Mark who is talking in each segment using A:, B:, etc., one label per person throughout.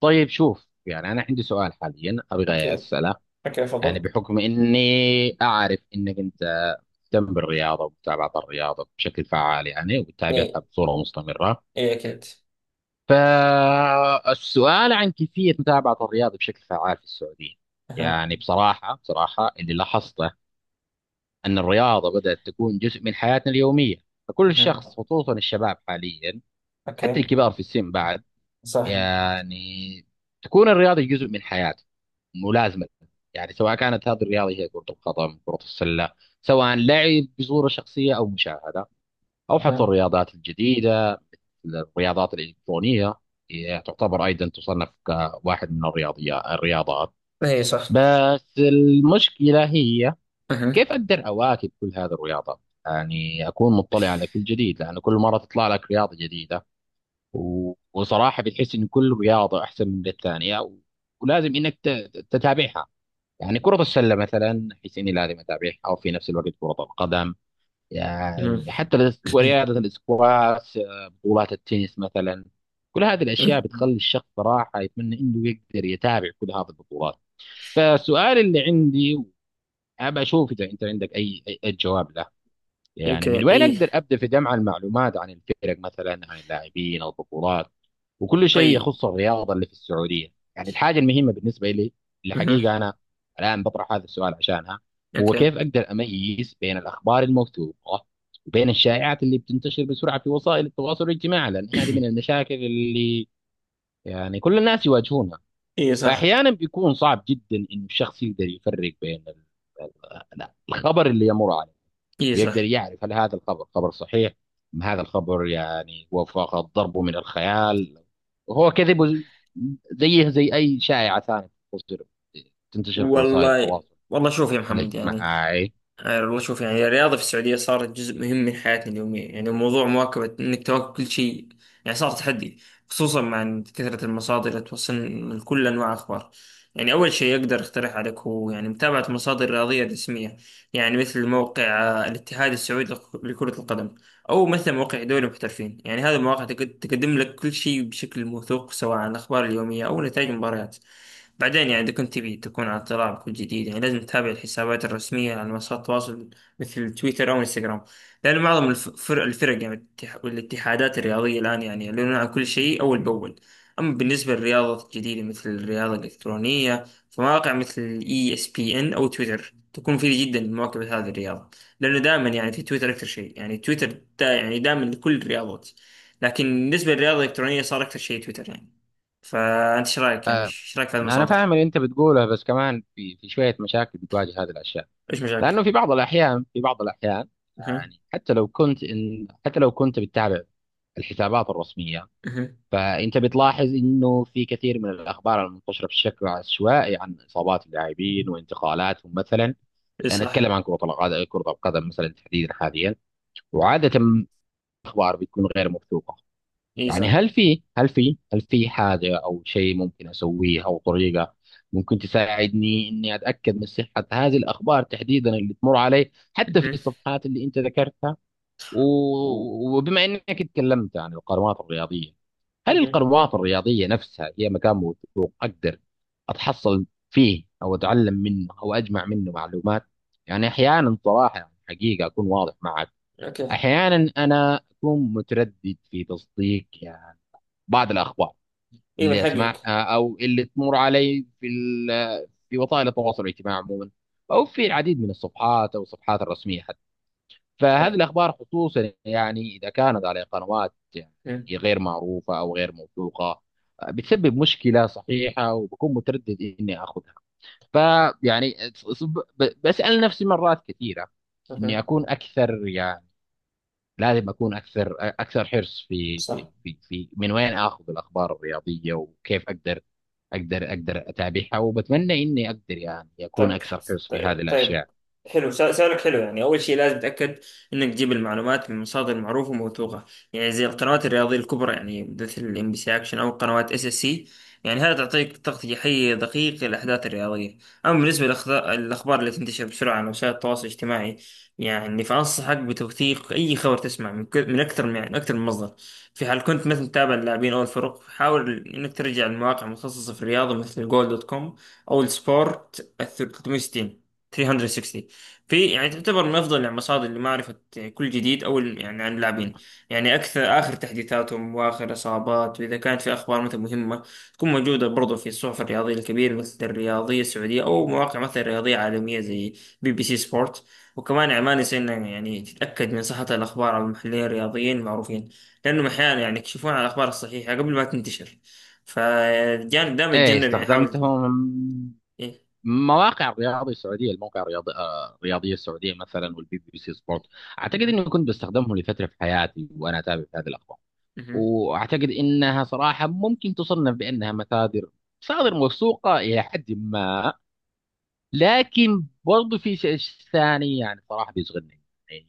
A: طيب شوف يعني انا عندي سؤال حاليا ابغى
B: اوكي،
A: اساله.
B: اوكي،
A: يعني
B: تفضل.
A: بحكم اني اعرف انك انت تهتم بالرياضه ومتابعه الرياضه بشكل فعال، يعني
B: اي،
A: وتتابعها بصوره مستمره.
B: اي، اكيد.
A: فالسؤال عن كيفيه متابعه الرياضه بشكل فعال في السعوديه.
B: أها.
A: يعني بصراحه اللي لاحظته ان الرياضه بدات تكون جزء من حياتنا اليوميه. فكل
B: أها.
A: شخص خصوصا الشباب حاليا، حتى
B: اوكي.
A: الكبار في السن بعد.
B: صح.
A: يعني تكون الرياضة جزء من حياته ملازمة. يعني سواء كانت هذه الرياضة هي كرة القدم، كرة السلة، سواء لعب بصورة شخصية أو مشاهدة، أو حتى
B: أها.
A: الرياضات الجديدة، الرياضات الإلكترونية، هي تعتبر أيضا تصنف كواحد من الرياضيات الرياضات.
B: اي صح.
A: بس المشكلة هي
B: أها.
A: كيف أقدر أواكب كل هذه الرياضات؟ يعني أكون مطلع على كل جديد، لأن كل مرة تطلع لك رياضة جديدة، وصراحة بتحس إن كل رياضة أحسن من الثانية، ولازم إنك تتابعها. يعني كرة السلة مثلا أحس إني لازم أتابعها، أو في نفس الوقت كرة القدم.
B: أها.
A: يعني حتى رياضة الاسكواش، بطولات التنس مثلا. كل هذه الأشياء بتخلي الشخص صراحة يتمنى إنه يقدر يتابع كل هذه البطولات. فالسؤال اللي عندي، أبى أشوف إذا أنت عندك أي جواب، يعني
B: اوكي.
A: من وين
B: اي.
A: اقدر ابدا في جمع المعلومات عن الفرق مثلا، عن اللاعبين، البطولات، وكل شيء
B: طيب.
A: يخص الرياضه اللي في السعوديه. يعني الحاجه المهمه بالنسبه لي، اللي
B: أها.
A: حقيقه انا الان بطرح هذا السؤال عشانها، هو
B: اوكي.
A: كيف اقدر اميز بين الاخبار الموثوقه وبين الشائعات اللي بتنتشر بسرعه في وسائل التواصل الاجتماعي، لان هذه من المشاكل اللي يعني كل الناس يواجهونها.
B: اي صح.
A: فاحيانا بيكون صعب جدا انه الشخص يقدر يفرق بين الخبر اللي يمر عليه،
B: اي صح.
A: ويقدر يعرف هل هذا الخبر خبر صحيح، ام هذا الخبر يعني هو فقط ضربه من الخيال وهو كذب، زيه زي اي شائعه ثانيه تنتشر في وسائل
B: والله،
A: التواصل
B: والله، شوف يا محمد، يعني
A: الاجتماعي.
B: يعني والله شوف، يعني الرياضة في السعودية صارت جزء مهم من حياتنا اليومية، يعني موضوع مواكبة إنك تواكب كل شيء يعني صار تحدي، خصوصا مع كثرة المصادر اللي توصلنا من كل أنواع الأخبار. يعني أول شيء أقدر أقترح عليك هو يعني متابعة مصادر رياضية رسمية، يعني مثل موقع الاتحاد السعودي لكرة القدم، أو مثل موقع دوري المحترفين. يعني هذه المواقع تقدم لك كل شيء بشكل موثوق، سواء عن الأخبار اليومية أو نتائج المباريات. بعدين يعني إذا كنت تبي تكون على اطلاع بكل جديد، يعني لازم تتابع الحسابات الرسمية على منصات التواصل مثل تويتر أو انستغرام، لأن معظم الفرق يعني والاتحادات الرياضية الآن يعني يعلنون عن كل شيء أول بأول. أما بالنسبة للرياضة الجديدة مثل الرياضة الإلكترونية، فمواقع مثل ESPN أو تويتر تكون مفيدة جدا لمواكبة هذه الرياضة، لأنه دائما يعني في تويتر أكثر شيء، يعني تويتر دا يعني دائما لكل الرياضات، لكن بالنسبة للرياضة الإلكترونية صار أكثر شيء تويتر يعني. فانت ايش رايك، يعني ايش رايك في هذه
A: انا
B: المصادر؟
A: فاهم اللي انت بتقوله، بس كمان في شويه مشاكل بتواجه هذه الاشياء.
B: ايش مشاكل؟
A: لانه في بعض الاحيان
B: اها.
A: يعني حتى لو كنت بتتابع الحسابات الرسميه،
B: اها.
A: فانت بتلاحظ انه في كثير من الاخبار المنتشره بشكل عشوائي عن اصابات اللاعبين وانتقالاتهم مثلا.
B: اي
A: انا
B: صح.
A: اتكلم عن كره القدم، كره القدم مثلا تحديدا حاليا. وعاده الاخبار بتكون غير موثوقه.
B: اي
A: يعني
B: صح.
A: هل في حاجه او شيء ممكن اسويه او طريقه ممكن تساعدني اني اتاكد من صحه هذه الاخبار تحديدا اللي تمر علي، حتى في
B: اها.
A: الصفحات اللي انت ذكرتها.
B: و-
A: وبما انك اتكلمت عن القنوات الرياضيه، هل
B: اها.
A: القنوات الرياضيه نفسها هي مكان موثوق اقدر اتحصل فيه او اتعلم منه او اجمع منه معلومات؟ يعني احيانا صراحه حقيقه اكون واضح معك،
B: اوكي.
A: احيانا انا اكون متردد في تصديق يعني بعض الاخبار
B: اي، من
A: اللي
B: حقك.
A: اسمعها او اللي تمر علي في في وسائل التواصل الاجتماعي عموما، او في العديد من الصفحات او الصفحات الرسميه. فهذه الأخبار خصوصا يعني إذا كانت على قنوات يعني
B: أها.
A: غير معروفة أو غير موثوقة، بتسبب مشكلة صحيحة، وبكون متردد إني أخذها. فيعني بسأل نفسي مرات كثيرة إني
B: أها.
A: أكون أكثر، يعني لازم أكون أكثر حرص في
B: صح.
A: في في, في من وين آخذ الأخبار الرياضية، وكيف أقدر أقدر أتابعها. وبتمنى إني أقدر، يعني أكون
B: طيب،
A: أكثر حرص في هذه
B: طيب.
A: الأشياء.
B: حلو. سؤالك حلو. يعني أول شيء لازم تتأكد إنك تجيب المعلومات من مصادر معروفة وموثوقة، يعني زي القنوات الرياضية الكبرى، يعني مثل ام بي سي أكشن أو قنوات اس اس سي. يعني هذا تعطيك تغطية حية دقيقة للأحداث الرياضية. أما بالنسبة للأخبار اللي تنتشر بسرعة على وسائل التواصل الاجتماعي، يعني فأنصحك بتوثيق أي خبر تسمع من، أكثر من مصدر. في حال كنت مثلا تتابع اللاعبين أو الفرق، حاول إنك ترجع لمواقع متخصصة في الرياضة مثل جول دوت كوم أو السبور 360 360. في يعني تعتبر من افضل المصادر لمعرفه كل جديد، يعني عن اللاعبين، يعني اكثر اخر تحديثاتهم واخر اصابات، واذا كانت في اخبار مثلا مهمه تكون موجوده برضو في الصحف الرياضيه الكبيره مثل الرياضيه السعوديه، او مواقع مثلا رياضيه عالميه زي بي بي سي سبورت. وكمان يعني ما نسينا، يعني تتاكد من صحه الاخبار على المحللين الرياضيين المعروفين، لانهم احيانا يعني يكشفون على الاخبار الصحيحه قبل ما تنتشر. فالجانب دائما
A: إيه،
B: يتجنب، يعني حاول.
A: استخدمتهم.
B: إيه.
A: مواقع رياضي سعوديه، الموقع الرياضي، الرياضيه السعوديه مثلا، والبي بي سي سبورت. اعتقد اني كنت بستخدمهم لفتره في حياتي وانا اتابع في هذه الاخبار. واعتقد انها صراحه ممكن تصنف بانها مصادر موثوقه الى حد ما. لكن برضو في شيء ثاني يعني صراحه بيشغلني. يعني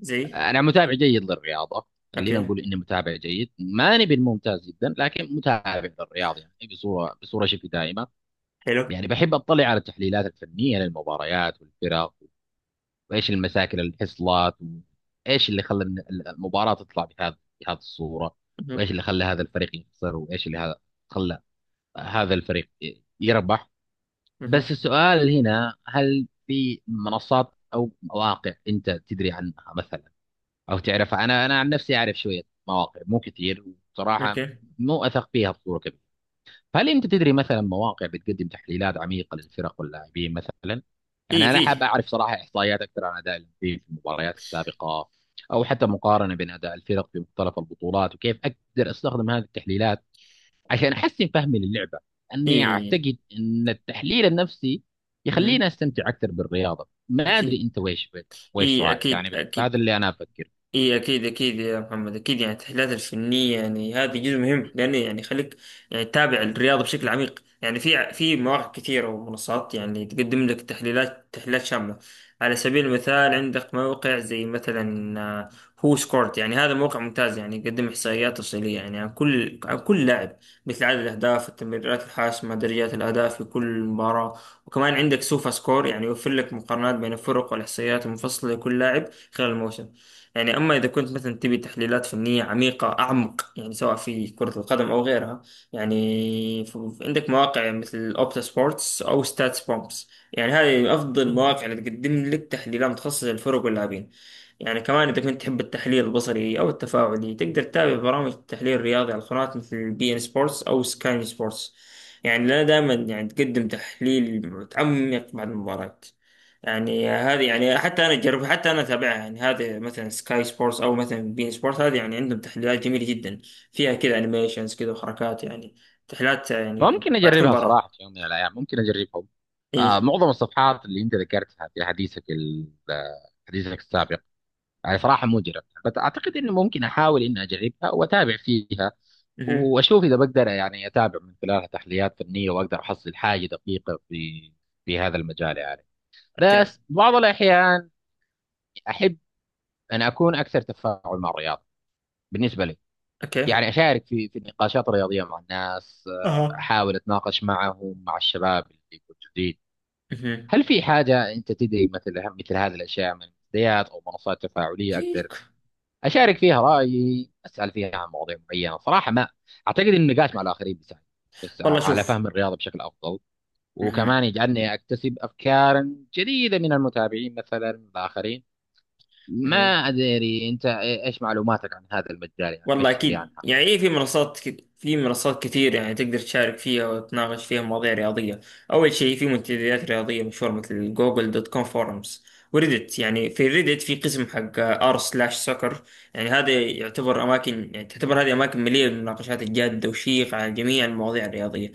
B: زي.
A: انا متابع جيد للرياضه،
B: اوكي.
A: خلينا نقول اني متابع جيد ماني بالممتاز جدا، لكن متابع للرياضه يعني بصوره شبه دائمه.
B: حلو.
A: يعني بحب اطلع على التحليلات الفنيه للمباريات والفرق، وايش المشاكل اللي حصلت، وايش اللي خلى المباراه تطلع بهذه الصوره، وايش
B: مهم.
A: اللي خلى هذا الفريق يخسر، وايش اللي هذا خلى هذا الفريق يربح. بس
B: مهم.
A: السؤال هنا، هل في منصات او مواقع انت تدري عنها مثلا او تعرفها؟ انا عن نفسي اعرف شويه مواقع مو كثير، وصراحه
B: اوكي.
A: مو اثق فيها بصوره كبيره. فهل انت تدري مثلا مواقع بتقدم تحليلات عميقه للفرق واللاعبين مثلا؟
B: اي،
A: يعني انا حاب
B: فيه.
A: اعرف صراحه احصائيات اكثر عن اداء اللاعبين في المباريات السابقه، او حتى مقارنه بين اداء الفرق في مختلف البطولات، وكيف اقدر استخدم هذه التحليلات عشان احسن فهمي للعبه. اني
B: اي.
A: اعتقد ان التحليل النفسي
B: مهم.
A: يخليني استمتع اكثر بالرياضه. ما
B: اكيد.
A: ادري انت ويش،
B: اي،
A: رايك؟
B: اكيد،
A: يعني بس هذا
B: اكيد.
A: اللي انا افكر.
B: اي، اكيد، اكيد يا محمد. اكيد، يعني التحليلات الفنيه، يعني هذا جزء مهم، لانه يعني يخليك يعني تتابع الرياضه بشكل عميق، يعني في مواقع كثيره ومنصات، يعني تقدم لك تحليلات تحليلات شامله. على سبيل المثال، عندك موقع زي مثلا هو سكورت، يعني هذا موقع ممتاز، يعني يقدم احصائيات تفصيليه يعني عن كل لاعب، مثل عدد الاهداف، التمريرات الحاسمه، درجات الاداء في كل مباراه. وكمان عندك سوفا سكور، يعني يوفر لك مقارنات بين الفرق والاحصائيات المفصله لكل لاعب خلال الموسم. يعني أما إذا كنت مثلا تبي تحليلات فنية عميقة أعمق، يعني سواء في كرة القدم أو غيرها، يعني عندك مواقع مثل أوبتا سبورتس أو ستاتس بومبس، يعني هذه أفضل مواقع اللي تقدم لك تحليلات متخصصة للفرق واللاعبين. يعني كمان إذا كنت تحب التحليل البصري أو التفاعلي، تقدر تتابع برامج التحليل الرياضي على القنوات مثل بي إن سبورتس أو سكاي سبورتس، يعني لنا دائما يعني تقدم تحليل متعمق بعد المباراة. يعني هذه يعني حتى انا اتابعها، يعني هذه مثلا سكاي سبورتس او مثلا بين سبورت، هذه يعني عندهم تحليلات جميله جدا فيها كذا انيميشنز كذا وحركات، يعني تحليلات يعني
A: ممكن
B: بعد تكون
A: اجربها
B: برا.
A: صراحه في يوم من الايام، ممكن اجربهم.
B: ايه.
A: آه، معظم الصفحات اللي انت ذكرتها في حديثك حديثك السابق، يعني صراحه مو جربتها، بس اعتقد انه ممكن احاول اني اجربها واتابع فيها
B: اها.
A: واشوف اذا بقدر يعني اتابع من خلالها تحليلات فنيه، واقدر احصل حاجه دقيقه في هذا المجال يعني.
B: اوكي،
A: بس بعض الاحيان احب ان اكون اكثر تفاعل مع الرياضه بالنسبه لي.
B: اوكي.
A: يعني اشارك في النقاشات الرياضيه مع الناس،
B: اها،
A: احاول اتناقش معهم مع الشباب اللي موجودين.
B: اها.
A: هل في حاجة أنت تدري مثل هذه الأشياء من منتديات أو منصات تفاعلية أقدر أشارك فيها رأيي، أسأل فيها عن مواضيع معينة؟ صراحة ما أعتقد إن النقاش مع الآخرين بيساعد بس
B: والله
A: على
B: شوف.
A: فهم الرياضة بشكل أفضل،
B: اها.
A: وكمان يجعلني أكتسب أفكارا جديدة من المتابعين مثلا، من الآخرين. ما أدري أنت إيش معلوماتك عن هذا المجال، يعني
B: والله
A: إيش تدري
B: أكيد،
A: عنها؟
B: يعني إيه، في منصات في منصات كتير يعني تقدر تشارك فيها وتناقش فيها مواضيع رياضية. أول شيء في منتديات رياضية مشهورة مثل جوجل دوت كوم فورمز وريدت، يعني في ريدت، في قسم حق r سلاش سoccer. يعني هذا يعتبر أماكن، يعني تعتبر هذه أماكن مليئة بالمناقشات الجادة وشيقة على جميع المواضيع الرياضية.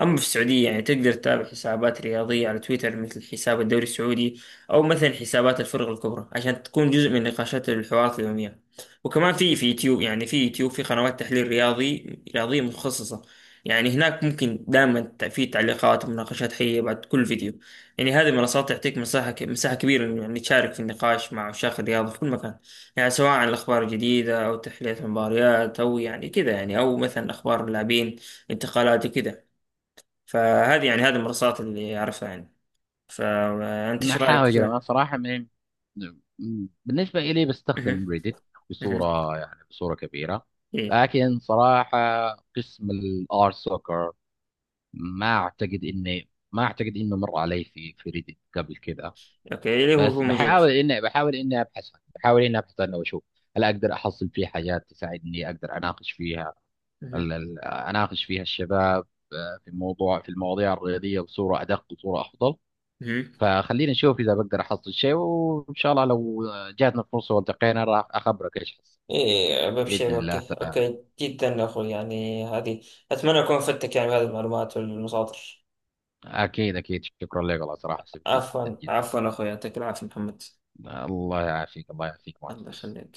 B: أما في السعودية، يعني تقدر تتابع حسابات رياضية على تويتر مثل حساب الدوري السعودي، أو مثلا حسابات الفرق الكبرى، عشان تكون جزء من نقاشات الحوارات اليومية. وكمان في يوتيوب، يعني في يوتيوب في قنوات تحليل رياضية متخصصة. يعني هناك ممكن دائما في تعليقات ومناقشات حية بعد كل فيديو. يعني هذه المنصات تعطيك مساحة كبيرة إنه يعني تشارك في النقاش مع عشاق الرياضة في كل مكان، يعني سواء عن الأخبار الجديدة أو تحلية المباريات أو يعني كذا، يعني أو مثلا أخبار اللاعبين، انتقالات وكذا. فهذه يعني هذه المنصات اللي أعرفها، يعني فأنت
A: ما
B: إيش رأيك
A: احاول اجرب
B: في؟
A: انا صراحه من، بالنسبه الي
B: مهم.
A: بستخدم ريدت
B: مهم.
A: بصوره، يعني بصوره كبيره.
B: إيه.
A: لكن صراحه قسم الار سوكر، ما اعتقد انه مر علي في ريدت قبل كذا.
B: أوكي، اللي هو
A: بس
B: هو موجود.
A: بحاول اني ابحث عنها واشوف هل اقدر احصل فيه حاجات تساعدني اقدر اناقش فيها،
B: مهم.
A: اناقش فيها الشباب، في المواضيع الرياضيه بصوره ادق وصوره افضل.
B: مهم.
A: فخلينا نشوف اذا بقدر احصل شيء، وان شاء الله لو جاتنا فرصه والتقينا راح اخبرك ايش حصل،
B: إيه،
A: باذن
B: ببشر.
A: الله
B: أوكي،
A: تعالى.
B: أوكي، جدا يا أخوي، يعني هذه، أتمنى أكون فدتك يعني بهذه المعلومات والمصادر.
A: اكيد، اكيد، شكرا لك والله، صراحه سبتي
B: عفوا،
A: جدا جدا.
B: عفوا أخوي، يعطيك العافية محمد.
A: الله يعافيك، الله يعافيك
B: الله
A: معتز.
B: يخليك.